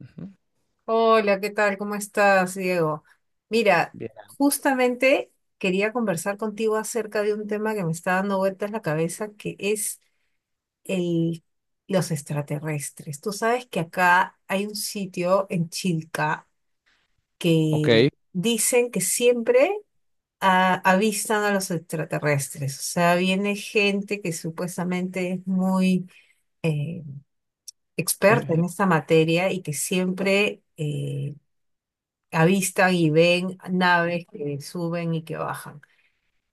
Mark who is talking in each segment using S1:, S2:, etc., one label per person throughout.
S1: Ujú.
S2: Hola, ¿qué tal? ¿Cómo estás, Diego? Mira,
S1: Bien.
S2: justamente quería conversar contigo acerca de un tema que me está dando vueltas la cabeza, que es el, los extraterrestres. Tú sabes que acá hay un sitio en Chilca
S1: Ok.
S2: que dicen que siempre avistan a los extraterrestres. O sea, viene gente que supuestamente es muy eh, experta en esta materia y que siempre avistan y ven naves que suben y que bajan.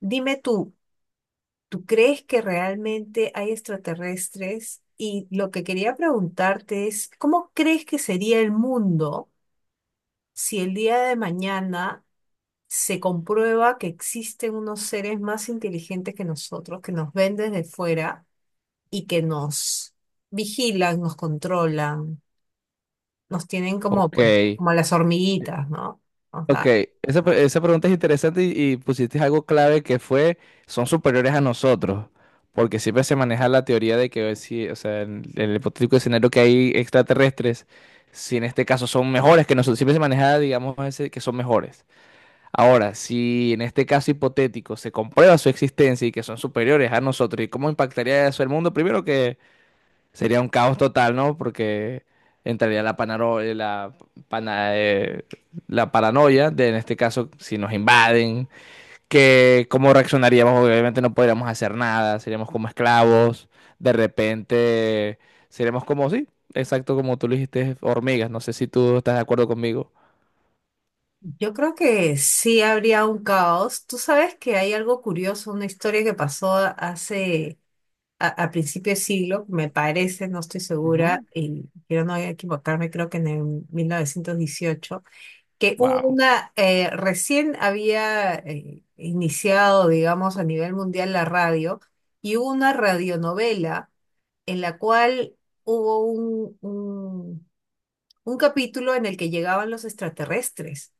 S2: Dime tú, ¿tú crees que realmente hay extraterrestres? Y lo que quería preguntarte es, ¿cómo crees que sería el mundo si el día de mañana se comprueba que existen unos seres más inteligentes que nosotros, que nos ven desde fuera y que nos vigilan, nos controlan, nos tienen como,
S1: Ok.
S2: pues, como las hormiguitas, ¿no? O
S1: Ok.
S2: sea,
S1: Esa pregunta es interesante y pusiste algo clave que fue, son superiores a nosotros. Porque siempre se maneja la teoría de que si, o sea, en el hipotético escenario que hay extraterrestres, si en este caso son mejores que nosotros, siempre se maneja, digamos, ese, que son mejores. Ahora, si en este caso hipotético se comprueba su existencia y que son superiores a nosotros, ¿y cómo impactaría eso el mundo? Primero que sería un caos total, ¿no? Porque entraría la, panaro- la, pana- la paranoia de, en este caso, si nos invaden, que cómo reaccionaríamos. Obviamente no podríamos hacer nada, seríamos como esclavos, de repente seríamos como, sí, exacto como tú lo dijiste, hormigas. No sé si tú estás de acuerdo conmigo.
S2: yo creo que sí habría un caos. Tú sabes que hay algo curioso, una historia que pasó hace, a principio de siglo, me parece, no estoy segura,
S1: Ujú.
S2: y quiero no equivocarme, creo que en el 1918, que hubo
S1: Wow.
S2: una, recién había iniciado, digamos, a nivel mundial la radio, y hubo una radionovela en la cual hubo un capítulo en el que llegaban los extraterrestres.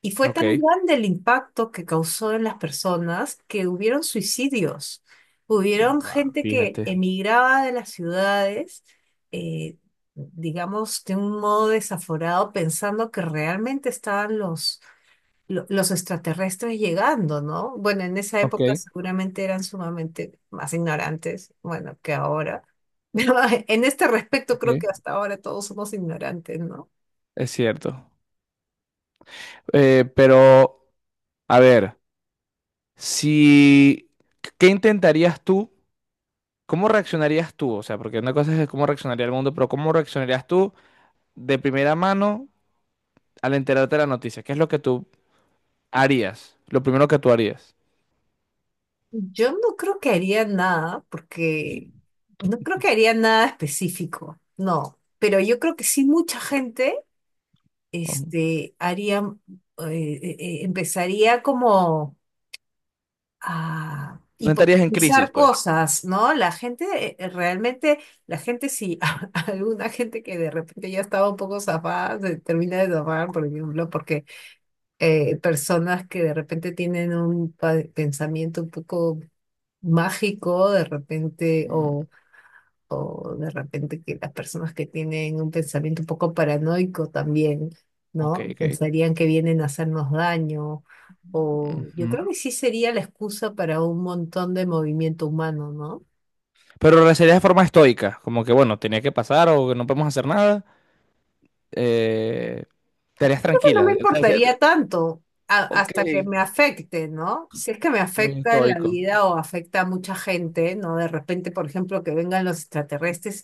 S2: Y fue
S1: Ok.
S2: tan grande el impacto que causó en las personas que hubieron suicidios. Hubieron
S1: Wow,
S2: gente que
S1: fíjate.
S2: emigraba de las ciudades, eh, digamos, de un modo desaforado, pensando que realmente estaban los extraterrestres llegando, ¿no? Bueno, en esa
S1: Ok,
S2: época seguramente eran sumamente más ignorantes, bueno, que ahora. Pero en este respecto creo que
S1: ok.
S2: hasta ahora todos somos ignorantes, ¿no?
S1: Es cierto. Pero, a ver. Si, ¿qué intentarías tú? ¿Cómo reaccionarías tú? O sea, porque una cosa es cómo reaccionaría el mundo, pero ¿cómo reaccionarías tú de primera mano al enterarte de la noticia? ¿Qué es lo que tú harías? Lo primero que tú harías.
S2: Yo no creo que haría nada, porque no creo que haría nada específico, no. Pero yo creo que sí mucha gente,
S1: Ujú.
S2: este, haría, eh, empezaría como a
S1: No estarías en crisis,
S2: hipotetizar
S1: pues.
S2: cosas, ¿no? La gente, realmente, la gente sí, alguna gente que de repente ya estaba un poco zafada, se termina de zafar, por ejemplo, porque personas que de repente tienen un pensamiento un poco mágico de repente
S1: Mm.
S2: o de repente que las personas que tienen un pensamiento un poco paranoico también,
S1: Ok,
S2: ¿no?
S1: ok.
S2: Pensarían que vienen a hacernos daño o yo creo
S1: Ujú.
S2: que sí sería la excusa para un montón de movimiento humano, ¿no?
S1: Pero lo sería de forma estoica, como que bueno, tenía que pasar o que no podemos hacer nada. Eh, Estarías
S2: No me
S1: tranquila.
S2: importaría tanto
S1: Ok,
S2: hasta que me afecte, ¿no? Si es que me
S1: muy
S2: afecta en la
S1: estoico.
S2: vida o afecta a mucha gente, ¿no? De repente, por ejemplo, que vengan los extraterrestres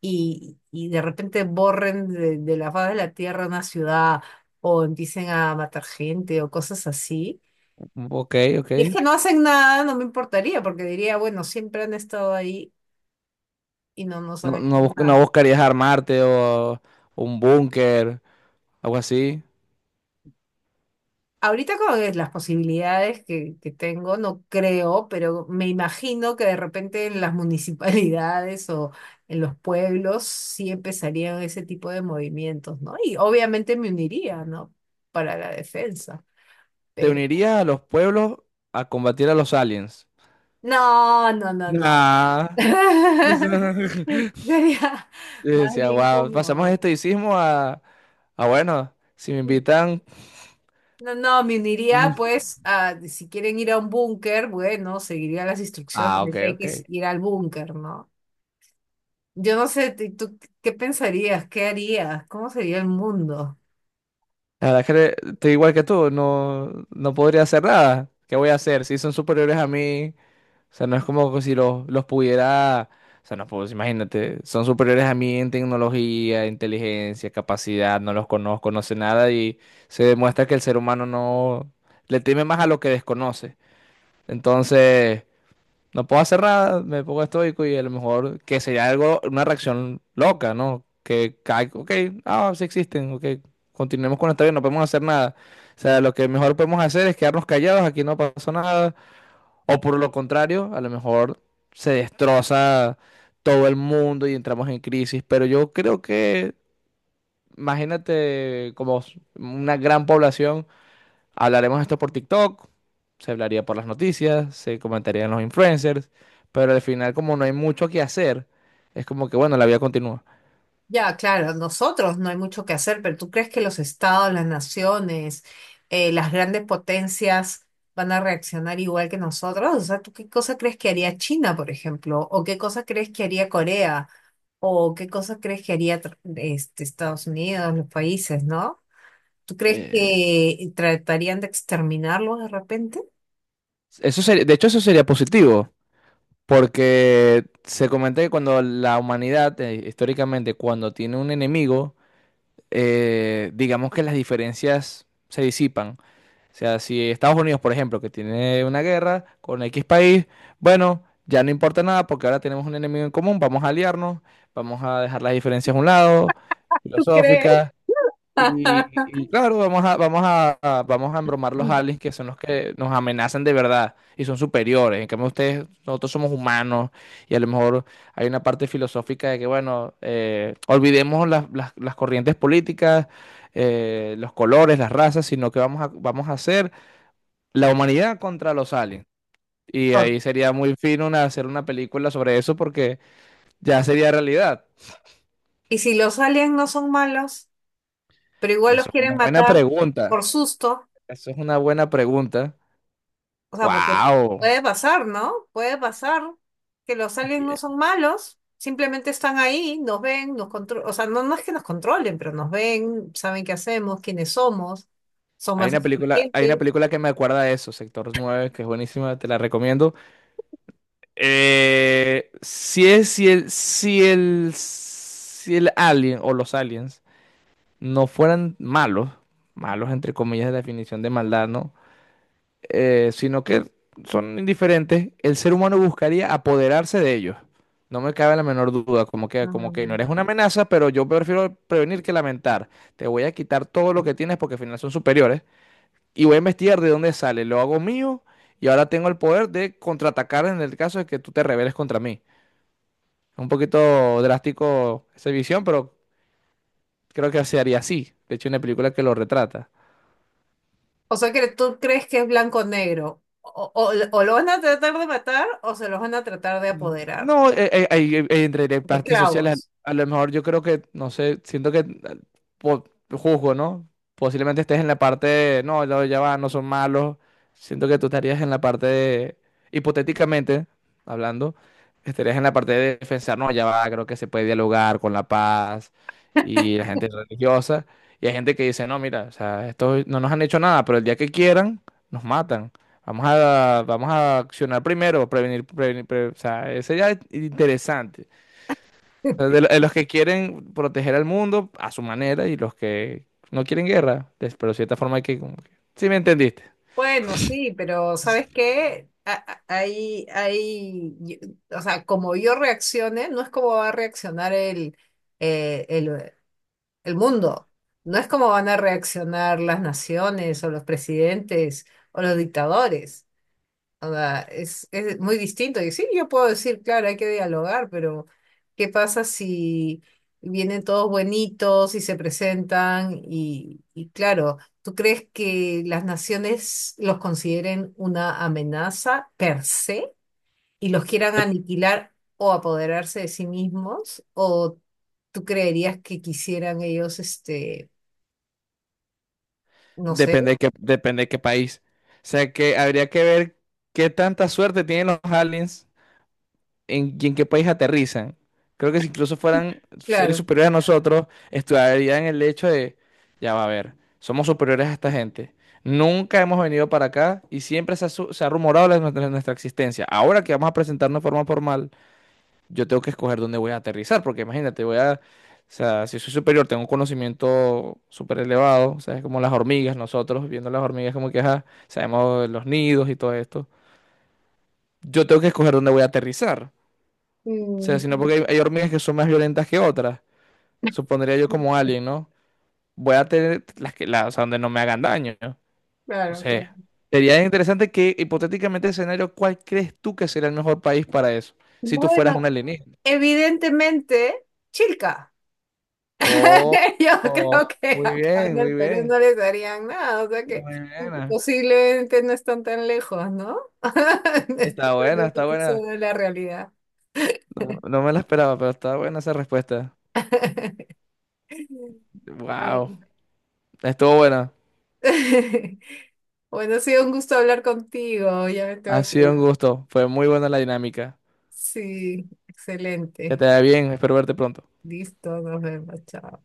S2: y de repente borren de la faz de la Tierra una ciudad o empiecen a matar gente o cosas así.
S1: Ok, ok.
S2: Y es que no hacen nada, no me importaría, porque diría, bueno, siempre han estado ahí y no nos han hecho
S1: No
S2: nada.
S1: buscarías armarte o un búnker, algo así.
S2: Ahorita con las posibilidades que tengo, no creo, pero me imagino que de repente en las municipalidades o en los pueblos sí empezarían ese tipo de movimientos, ¿no? Y obviamente me uniría, ¿no? Para la defensa,
S1: Te
S2: pero...
S1: unirías a los pueblos a combatir a los aliens.
S2: No, no, no, no.
S1: Nah.
S2: Sería
S1: Yo
S2: más
S1: decía,
S2: bien
S1: wow, pasamos de
S2: como...
S1: estoicismo a bueno, si me invitan.
S2: No, no, me uniría
S1: Mm.
S2: pues a, si quieren ir a un búnker, bueno, seguiría las instrucciones
S1: Ah,
S2: de
S1: ok,
S2: que hay que
S1: ok.
S2: ir al búnker, ¿no? Yo no sé, ¿tú qué pensarías? ¿Qué harías? ¿Cómo sería el mundo?
S1: La verdad es que le- Estoy igual que tú, no, no podría hacer nada. ¿Qué voy a hacer? Si son superiores a mí, o sea, no es como que si los pudiera, o sea, no puedo, imagínate, son superiores a mí en tecnología, inteligencia, capacidad, no los conozco, no sé nada y se demuestra que el ser humano no le teme más a lo que desconoce. Entonces, no puedo hacer nada, me pongo estoico y a lo mejor que sería algo, una reacción loca, ¿no? Que cae, ok, ah, sí existen, ok, continuemos con nuestra vida, no podemos hacer nada. O sea, lo que mejor podemos hacer es quedarnos callados, aquí no pasó nada o por lo contrario, a lo mejor se destroza todo el mundo y entramos en crisis. Pero yo creo que, imagínate, como una gran población, hablaremos esto por TikTok, se hablaría por las noticias, se comentarían los influencers, pero al final, como no hay mucho que hacer, es como que, bueno, la vida continúa.
S2: Ya, claro, nosotros no hay mucho que hacer, pero ¿tú crees que los estados, las naciones, las grandes potencias van a reaccionar igual que nosotros? O sea, ¿tú qué cosa crees que haría China, por ejemplo? ¿O qué cosa crees que haría Corea? ¿O qué cosa crees que haría Estados Unidos, los países, ¿no? ¿Tú crees
S1: Eh,
S2: que tratarían de exterminarlos de repente?
S1: Eso sería, de hecho, eso sería positivo. Porque se comenta que cuando la humanidad, históricamente, cuando tiene un enemigo, digamos que las diferencias se disipan. O sea, si Estados Unidos, por ejemplo, que tiene una guerra con X país, bueno, ya no importa nada porque ahora tenemos un enemigo en común, vamos a aliarnos, vamos a dejar las diferencias a un lado,
S2: ¿Tú crees?
S1: filosóficas, y, y claro, vamos a embromar los aliens que son los que nos amenazan de verdad y son superiores. En cambio, ustedes, nosotros somos humanos y a lo mejor hay una parte filosófica de que, bueno, olvidemos las corrientes políticas, los colores, las razas, sino que vamos a hacer la humanidad contra los aliens. Y
S2: Ok,
S1: ahí sería muy fino hacer una película sobre eso porque ya sería realidad.
S2: y si los aliens no son malos, pero igual los
S1: Eso es
S2: quieren
S1: una buena
S2: matar
S1: pregunta.
S2: por susto,
S1: Eso es una buena pregunta.
S2: o sea, porque
S1: Wow.
S2: puede pasar, ¿no? Puede pasar que los aliens no
S1: Yeah.
S2: son malos, simplemente están ahí, nos ven, nos controlan, o sea, no, no es que nos controlen, pero nos ven, saben qué hacemos, quiénes somos, son más
S1: Hay una
S2: inteligentes.
S1: película que me acuerda de eso, Sector Nueve, que es buenísima, te la recomiendo. Si es, si el alien o los aliens no fueran malos, malos entre comillas de la definición de maldad, ¿no? Sino que son indiferentes, el ser humano buscaría apoderarse de ellos. No me cabe la menor duda, como que no
S2: Mm.
S1: eres una amenaza, pero yo prefiero prevenir que lamentar. Te voy a quitar todo lo que tienes porque al final son superiores y voy a investigar de dónde sale, lo hago mío y ahora tengo el poder de contraatacar en el caso de que tú te rebeles contra mí. Es un poquito drástico esa visión, pero creo que se haría así. De hecho, hay una película que lo retrata.
S2: O sea, que tú crees que es blanco o negro, o, o lo van a tratar de matar o se los van a tratar de apoderar,
S1: No, ahí, entre las
S2: de
S1: partes sociales,
S2: esclavos.
S1: a lo mejor yo creo que, no sé, siento que po- juzgo, ¿no? Posiblemente estés en la parte de, no, no, ya va, no son malos. Siento que tú estarías en la parte de, hipotéticamente hablando, estarías en la parte de defensar, no, ya va, creo que se puede dialogar con la paz y la gente religiosa. Y hay gente que dice, no, mira, o sea, esto no nos han hecho nada, pero el día que quieran, nos matan. Vamos a accionar primero, prevenir, prevenir, o sea, ese ya es interesante. O sea, de, de los que quieren proteger al mundo a su manera y los que no quieren guerra, des- pero de cierta forma hay que, como que, ¿sí me entendiste?
S2: Bueno, sí, pero ¿sabes qué? Ahí, ahí, o sea, como yo reaccione, no es como va a reaccionar eh, el, el mundo, no es como van a reaccionar las naciones o los presidentes o los dictadores. O sea, es muy distinto. Y sí, yo puedo decir, claro, hay que dialogar, pero ¿qué pasa si vienen todos buenitos y se presentan? Y claro, ¿tú crees que las naciones los consideren una amenaza per se y los quieran
S1: Dep-
S2: aniquilar o apoderarse de sí mismos? ¿O tú creerías que quisieran ellos, este, no sé?
S1: depende de qué, depende de qué país. O sea, que habría que ver qué tanta suerte tienen los aliens en, y en qué país aterrizan. Creo que si incluso fueran seres
S2: Claro.
S1: superiores a nosotros, estudiarían el hecho de, ya va a ver, somos superiores a esta gente. Nunca hemos venido para acá y siempre se ha, se ha rumorado nuestra, nuestra existencia. Ahora que vamos a presentarnos de forma formal, yo tengo que escoger dónde voy a aterrizar, porque imagínate, voy a, o sea, si soy superior, tengo un conocimiento súper elevado, o sea, es como las hormigas, nosotros viendo las hormigas como que, ajá, sabemos los nidos y todo esto. Yo tengo que escoger dónde voy a aterrizar. O sea, sino
S2: Mm,
S1: porque hay hormigas que son más violentas que otras. Supondría yo como alien, ¿no? Voy a tener las que, las, o sea, donde no me hagan daño. No, no
S2: claro, claro.
S1: sé. Sería interesante que, hipotéticamente, escenario, ¿cuál crees tú que sería el mejor país para eso? Si tú fueras un
S2: Bueno,
S1: alienígena.
S2: evidentemente, Chilca.
S1: Oh,
S2: Yo creo que
S1: muy
S2: acá en
S1: bien,
S2: el
S1: muy
S2: Perú no
S1: bien.
S2: les darían nada, o sea que
S1: Muy buena.
S2: posiblemente no están tan lejos, ¿no? No están
S1: Está
S2: tan
S1: buena, está
S2: lejos eso
S1: buena.
S2: de la realidad.
S1: No, no me la esperaba, pero está buena esa respuesta. Wow.
S2: Bueno,
S1: Estuvo buena.
S2: bueno, ha sido un gusto hablar contigo, ya me
S1: Ha
S2: tengo que
S1: sido
S2: ir.
S1: un gusto. Fue muy buena la dinámica.
S2: Sí,
S1: Que
S2: excelente.
S1: te vaya bien. Espero verte pronto.
S2: Listo, nos vemos, chao.